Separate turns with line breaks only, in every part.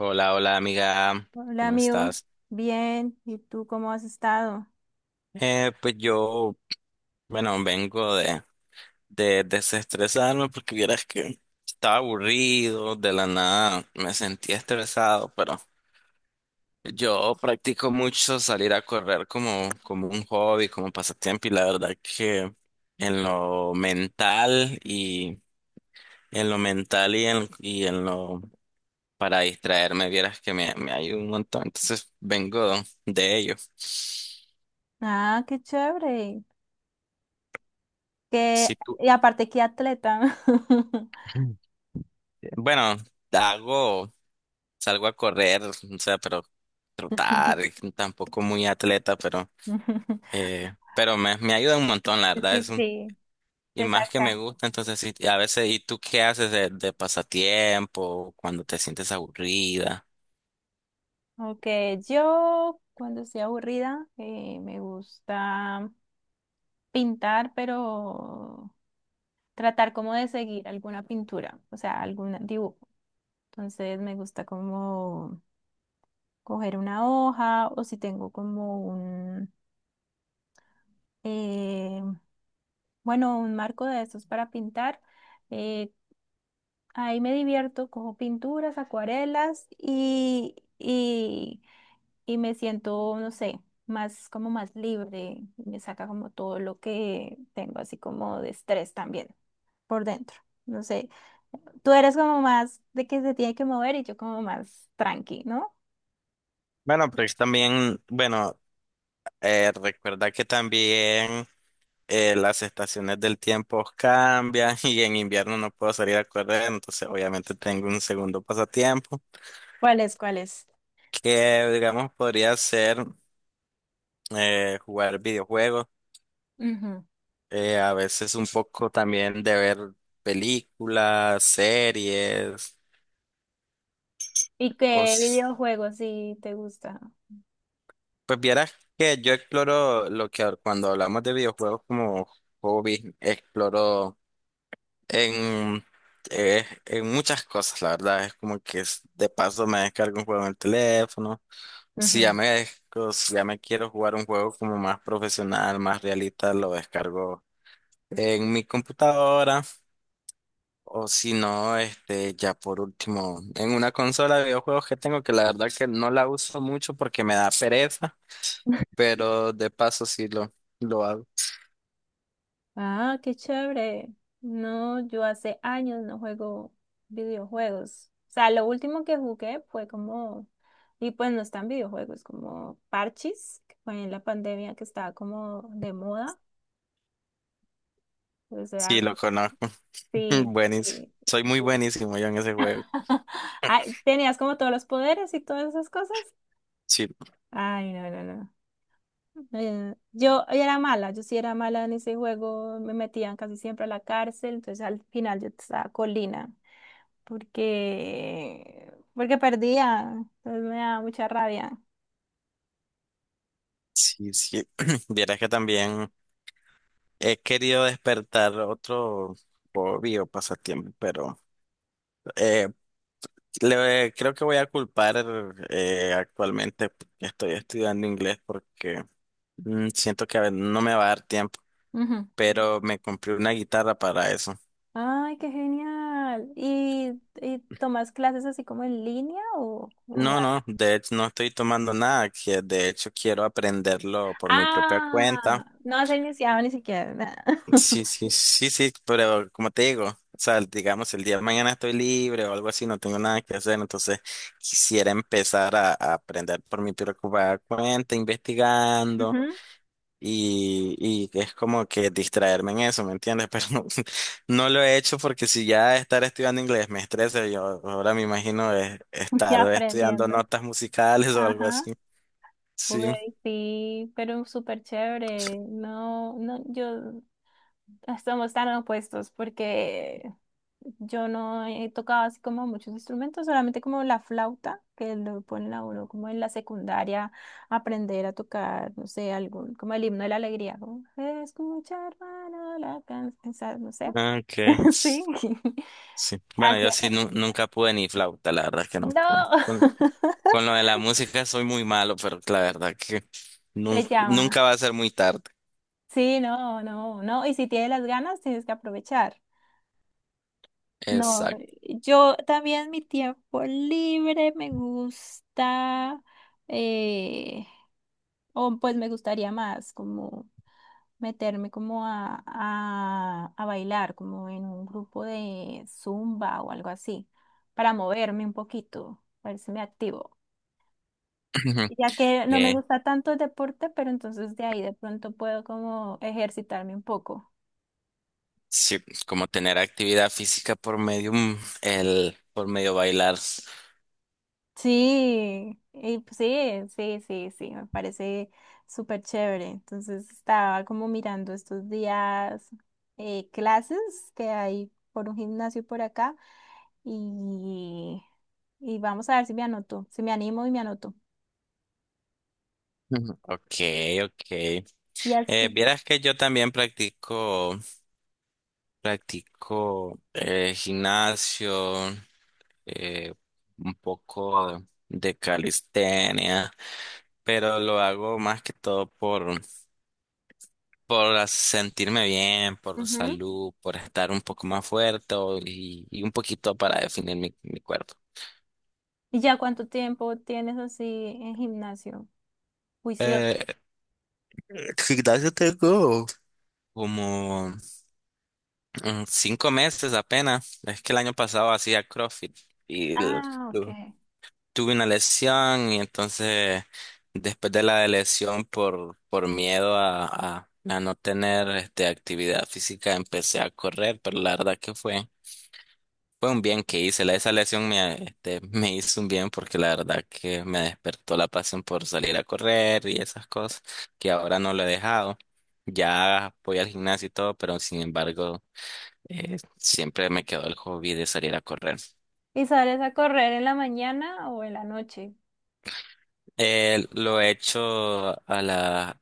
Hola, hola amiga,
Hola
¿cómo
amigo,
estás?
bien, ¿y tú cómo has estado?
Pues yo, bueno, vengo de desestresarme porque vieras que estaba aburrido, de la nada me sentía estresado, pero yo practico mucho salir a correr como un hobby, como pasatiempo, y la verdad que en lo mental y en lo mental y en lo para distraerme, vieras que me ayuda un montón, entonces vengo de ello.
Ah, qué chévere. Que
Si tú
y aparte, qué atleta.
bueno, hago, salgo a correr, o sea, pero trotar, tampoco muy atleta, pero me ayuda un montón, la
Sí,
verdad, es
sí,
un,
sí,
y
te
más que me
saca.
gusta, entonces sí, y a veces, ¿y tú qué haces de pasatiempo cuando te sientes aburrida?
Ok, yo cuando estoy aburrida me gusta pintar, pero tratar como de seguir alguna pintura, o sea, algún dibujo. Entonces me gusta como coger una hoja o si tengo como un... eh, Bueno, un marco de esos para pintar. eh, Ahí me divierto, cojo pinturas, acuarelas y me siento, no sé, más como más libre. Me saca como todo lo que tengo, así como de estrés también por dentro. No sé, tú eres como más de que se tiene que mover y yo como más tranqui, ¿no?
Bueno, pues también, recuerda que también, las estaciones del tiempo cambian y en invierno no puedo salir a correr, entonces obviamente tengo un segundo pasatiempo
¿Cuáles?
que digamos podría ser, jugar videojuegos,
Ujú.
a veces un poco también de ver películas, series,
¿Y
o
qué
s-
videojuegos sí te gusta?
pues vieras que yo exploro lo que cuando hablamos de videojuegos como hobby, exploro En, en muchas cosas, la verdad, es como que de paso me descargo un juego en el teléfono. Si ya
Ujú.
si ya me quiero jugar un juego como más profesional, más realista, lo descargo en mi computadora. O si no, este, ya por último, en una consola de videojuegos que tengo, que la verdad que no la uso mucho porque me da pereza, pero de paso sí lo hago.
Ah, qué chévere. No, yo hace años no juego videojuegos. O sea, lo último que jugué fue como, y pues no están videojuegos, como parches, que fue en la pandemia que estaba como de moda. Pues era
Sí, lo
algo.
conozco.
Sí,
Buenísimo.
sí.
Soy muy buenísimo yo en ese juego.
Ay, ¿tenías como todos los poderes y todas esas cosas?
Sí.
Ay, no, no, no. Yo era mala, yo sí era mala en ese juego, me metían casi siempre a la cárcel, entonces al final yo estaba colina, porque perdía, entonces me daba mucha rabia.
Sí, sí. Vieras que también he querido despertar otro hobby o pasatiempo, pero eh, creo que voy a culpar, actualmente que estoy estudiando inglés porque siento que a ver, no me va a dar tiempo,
Ujú.
pero me compré una guitarra para eso.
Ay, qué genial. Y tomas clases así como en línea o
No, no,
vas?
de hecho no estoy tomando nada, que de hecho quiero aprenderlo por mi propia
Ah,
cuenta.
no se iniciado ni siquiera. Nada.
Sí, sí, sí, sí, pero como te digo, o sea, digamos, el día de mañana estoy libre o algo así, no tengo nada que hacer, entonces quisiera empezar a aprender por mi preocupada cuenta, investigando
Ujú,
y que es como que distraerme en eso, ¿me entiendes? Pero no, no lo he hecho porque si ya estar estudiando inglés me estresa, yo ahora me imagino estar
ya
estudiando
aprendiendo.
notas musicales o algo
Ajá.
así. Sí,
Güey sí, pero súper chévere. No, no, yo estamos tan opuestos porque yo no he tocado así como muchos instrumentos, solamente como la flauta, que lo ponen a uno como en la secundaria, aprender a tocar, no sé, algún, como el himno de la alegría, como escucha, hermano, la canción, no sé.
ok.
Sí.
Sí. Bueno,
Así,
yo sí nunca pude ni flauta, la verdad es que no pude.
no,
Con lo de la música soy muy malo, pero la verdad que
se
nunca, nunca
llama.
va a ser muy tarde.
Sí, no, no, no. Y si tienes las ganas, tienes que aprovechar. No,
Exacto.
yo también mi tiempo libre me gusta, eh, o pues me gustaría más como meterme como a bailar, como en un grupo de zumba o algo así, para moverme un poquito, para me activo. Ya que no me
Eh,
gusta tanto el deporte, pero entonces de ahí de pronto puedo como ejercitarme un poco.
sí, como tener actividad física por medio, por medio bailar.
Sí, y pues sí, sí, sí, sí, me parece súper chévere. Entonces estaba como mirando estos días clases que hay por un gimnasio por acá y, y vamos a ver si me anoto, si me animo y me anoto.
Ujú. Ok, ok.
Y así,
Vieras que yo también practico gimnasio, eh, un poco de calistenia, pero lo hago más que todo por sentirme bien, por
ujú.
salud, por estar un poco más fuerte y un poquito para definir mi cuerpo.
¿Y ya cuánto tiempo tienes así en gimnasio? Juicioso.
Eh, Gimnasio tengo como 5 meses apenas. Es que el año pasado hacía CrossFit y l-
Ah, ok.
tuve una lesión, y entonces después de la lesión por miedo a no tener este, actividad física, empecé a correr, pero la verdad que fue un bien que hice. La- esa lesión me, este, me hizo un bien, porque la verdad que me despertó la pasión por salir a correr y esas cosas que ahora no lo he dejado. Ya voy al gimnasio y todo, pero sin embargo, siempre me quedó el hobby de salir a correr.
¿Y sales a correr en la mañana o en la noche?
Lo he hecho a las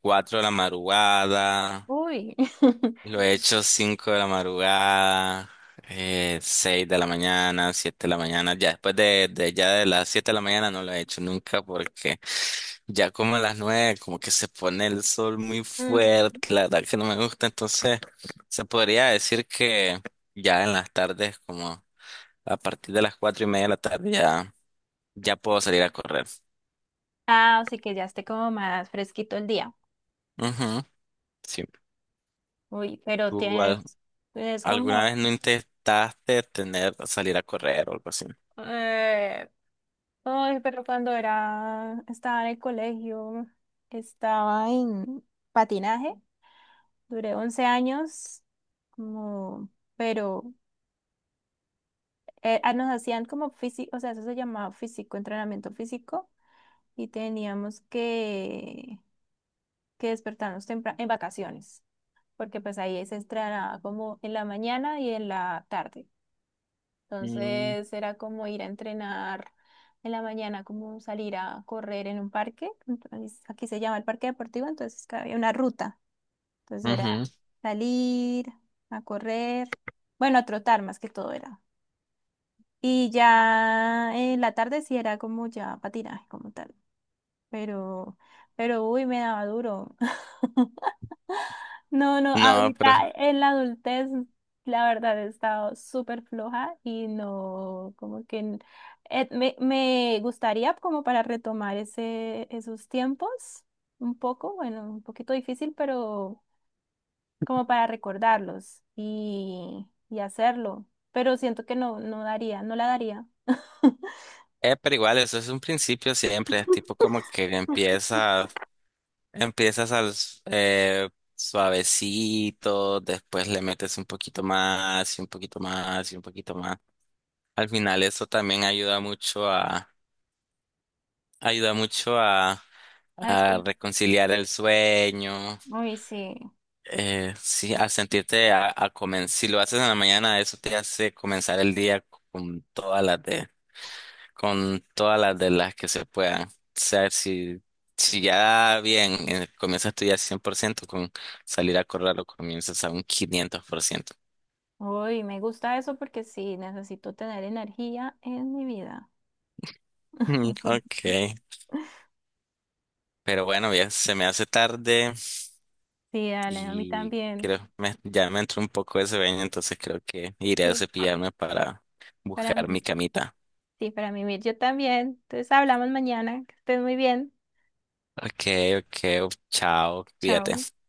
4 de la madrugada,
Uy.
lo he hecho 5 de la madrugada, 6 de la mañana, 7 de la mañana. Ya después de ya de las 7 de la mañana no lo he hecho nunca porque ya como a las 9 como que se pone el sol muy
Ujú.
fuerte, la verdad que no me gusta. Entonces se podría decir que ya en las tardes, como a partir de las 4 y media de la tarde ya, ya puedo salir a correr.
Ah, así que ya esté como más fresquito el día.
Ujú, sí.
Uy, pero
¿Tú
tienes, es
alguna
como,
vez no intentaste tener, salir a correr o algo así?
eh, ay, pero cuando era, estaba en el colegio, estaba en patinaje, duré 11 años, como, pero nos hacían como físico, o sea, eso se llamaba físico, entrenamiento físico, y teníamos que, que despertarnos temprano, en vacaciones, porque pues ahí se entrenaba como en la mañana y en la tarde.
Mm.
Entonces era como ir a entrenar en la mañana, como salir a correr en un parque. Entonces, aquí se llama el parque deportivo, entonces que había una ruta. Entonces era
Ujú.
salir a correr, bueno, a trotar más que todo era. Y ya en la tarde sí era como ya patinaje como tal, pero, pero uy, me daba duro. No, no,
No,
ahorita en la adultez, la verdad he estado súper floja y no, como que me, me gustaría como para retomar ese, esos tiempos un poco, bueno, un poquito difícil, pero como para recordarlos y hacerlo. Pero siento que no, no daría, no la daría.
pero igual, eso es un principio siempre, tipo como que empieza, empiezas suavecito, después le metes un poquito más y un poquito más y un poquito más. Al final eso también ayuda mucho
Ah,
a
espera.
reconciliar el sueño,
Uy, sí.
sí, a sentirte a comenzar, si lo haces en la mañana, eso te hace comenzar el día con todas las de con todas las de las que se puedan. O sea, si, si ya bien, comienzas tú ya 100% con salir a correr, o comienzas a un 500%.
Uy, me gusta eso porque sí, necesito tener energía en mi vida.
Mm, ok. Pero bueno, ya se me hace tarde,
Sí, dale, a mí
y
también.
creo me, ya me entró un poco de sueño, entonces creo que iré a
Sí,
cepillarme para
para
buscar mi
mí,
camita.
sí, para mí, Mir, yo también. Entonces hablamos mañana. Que estés muy bien.
Ok, ok, chao,
Chao.
cuídate.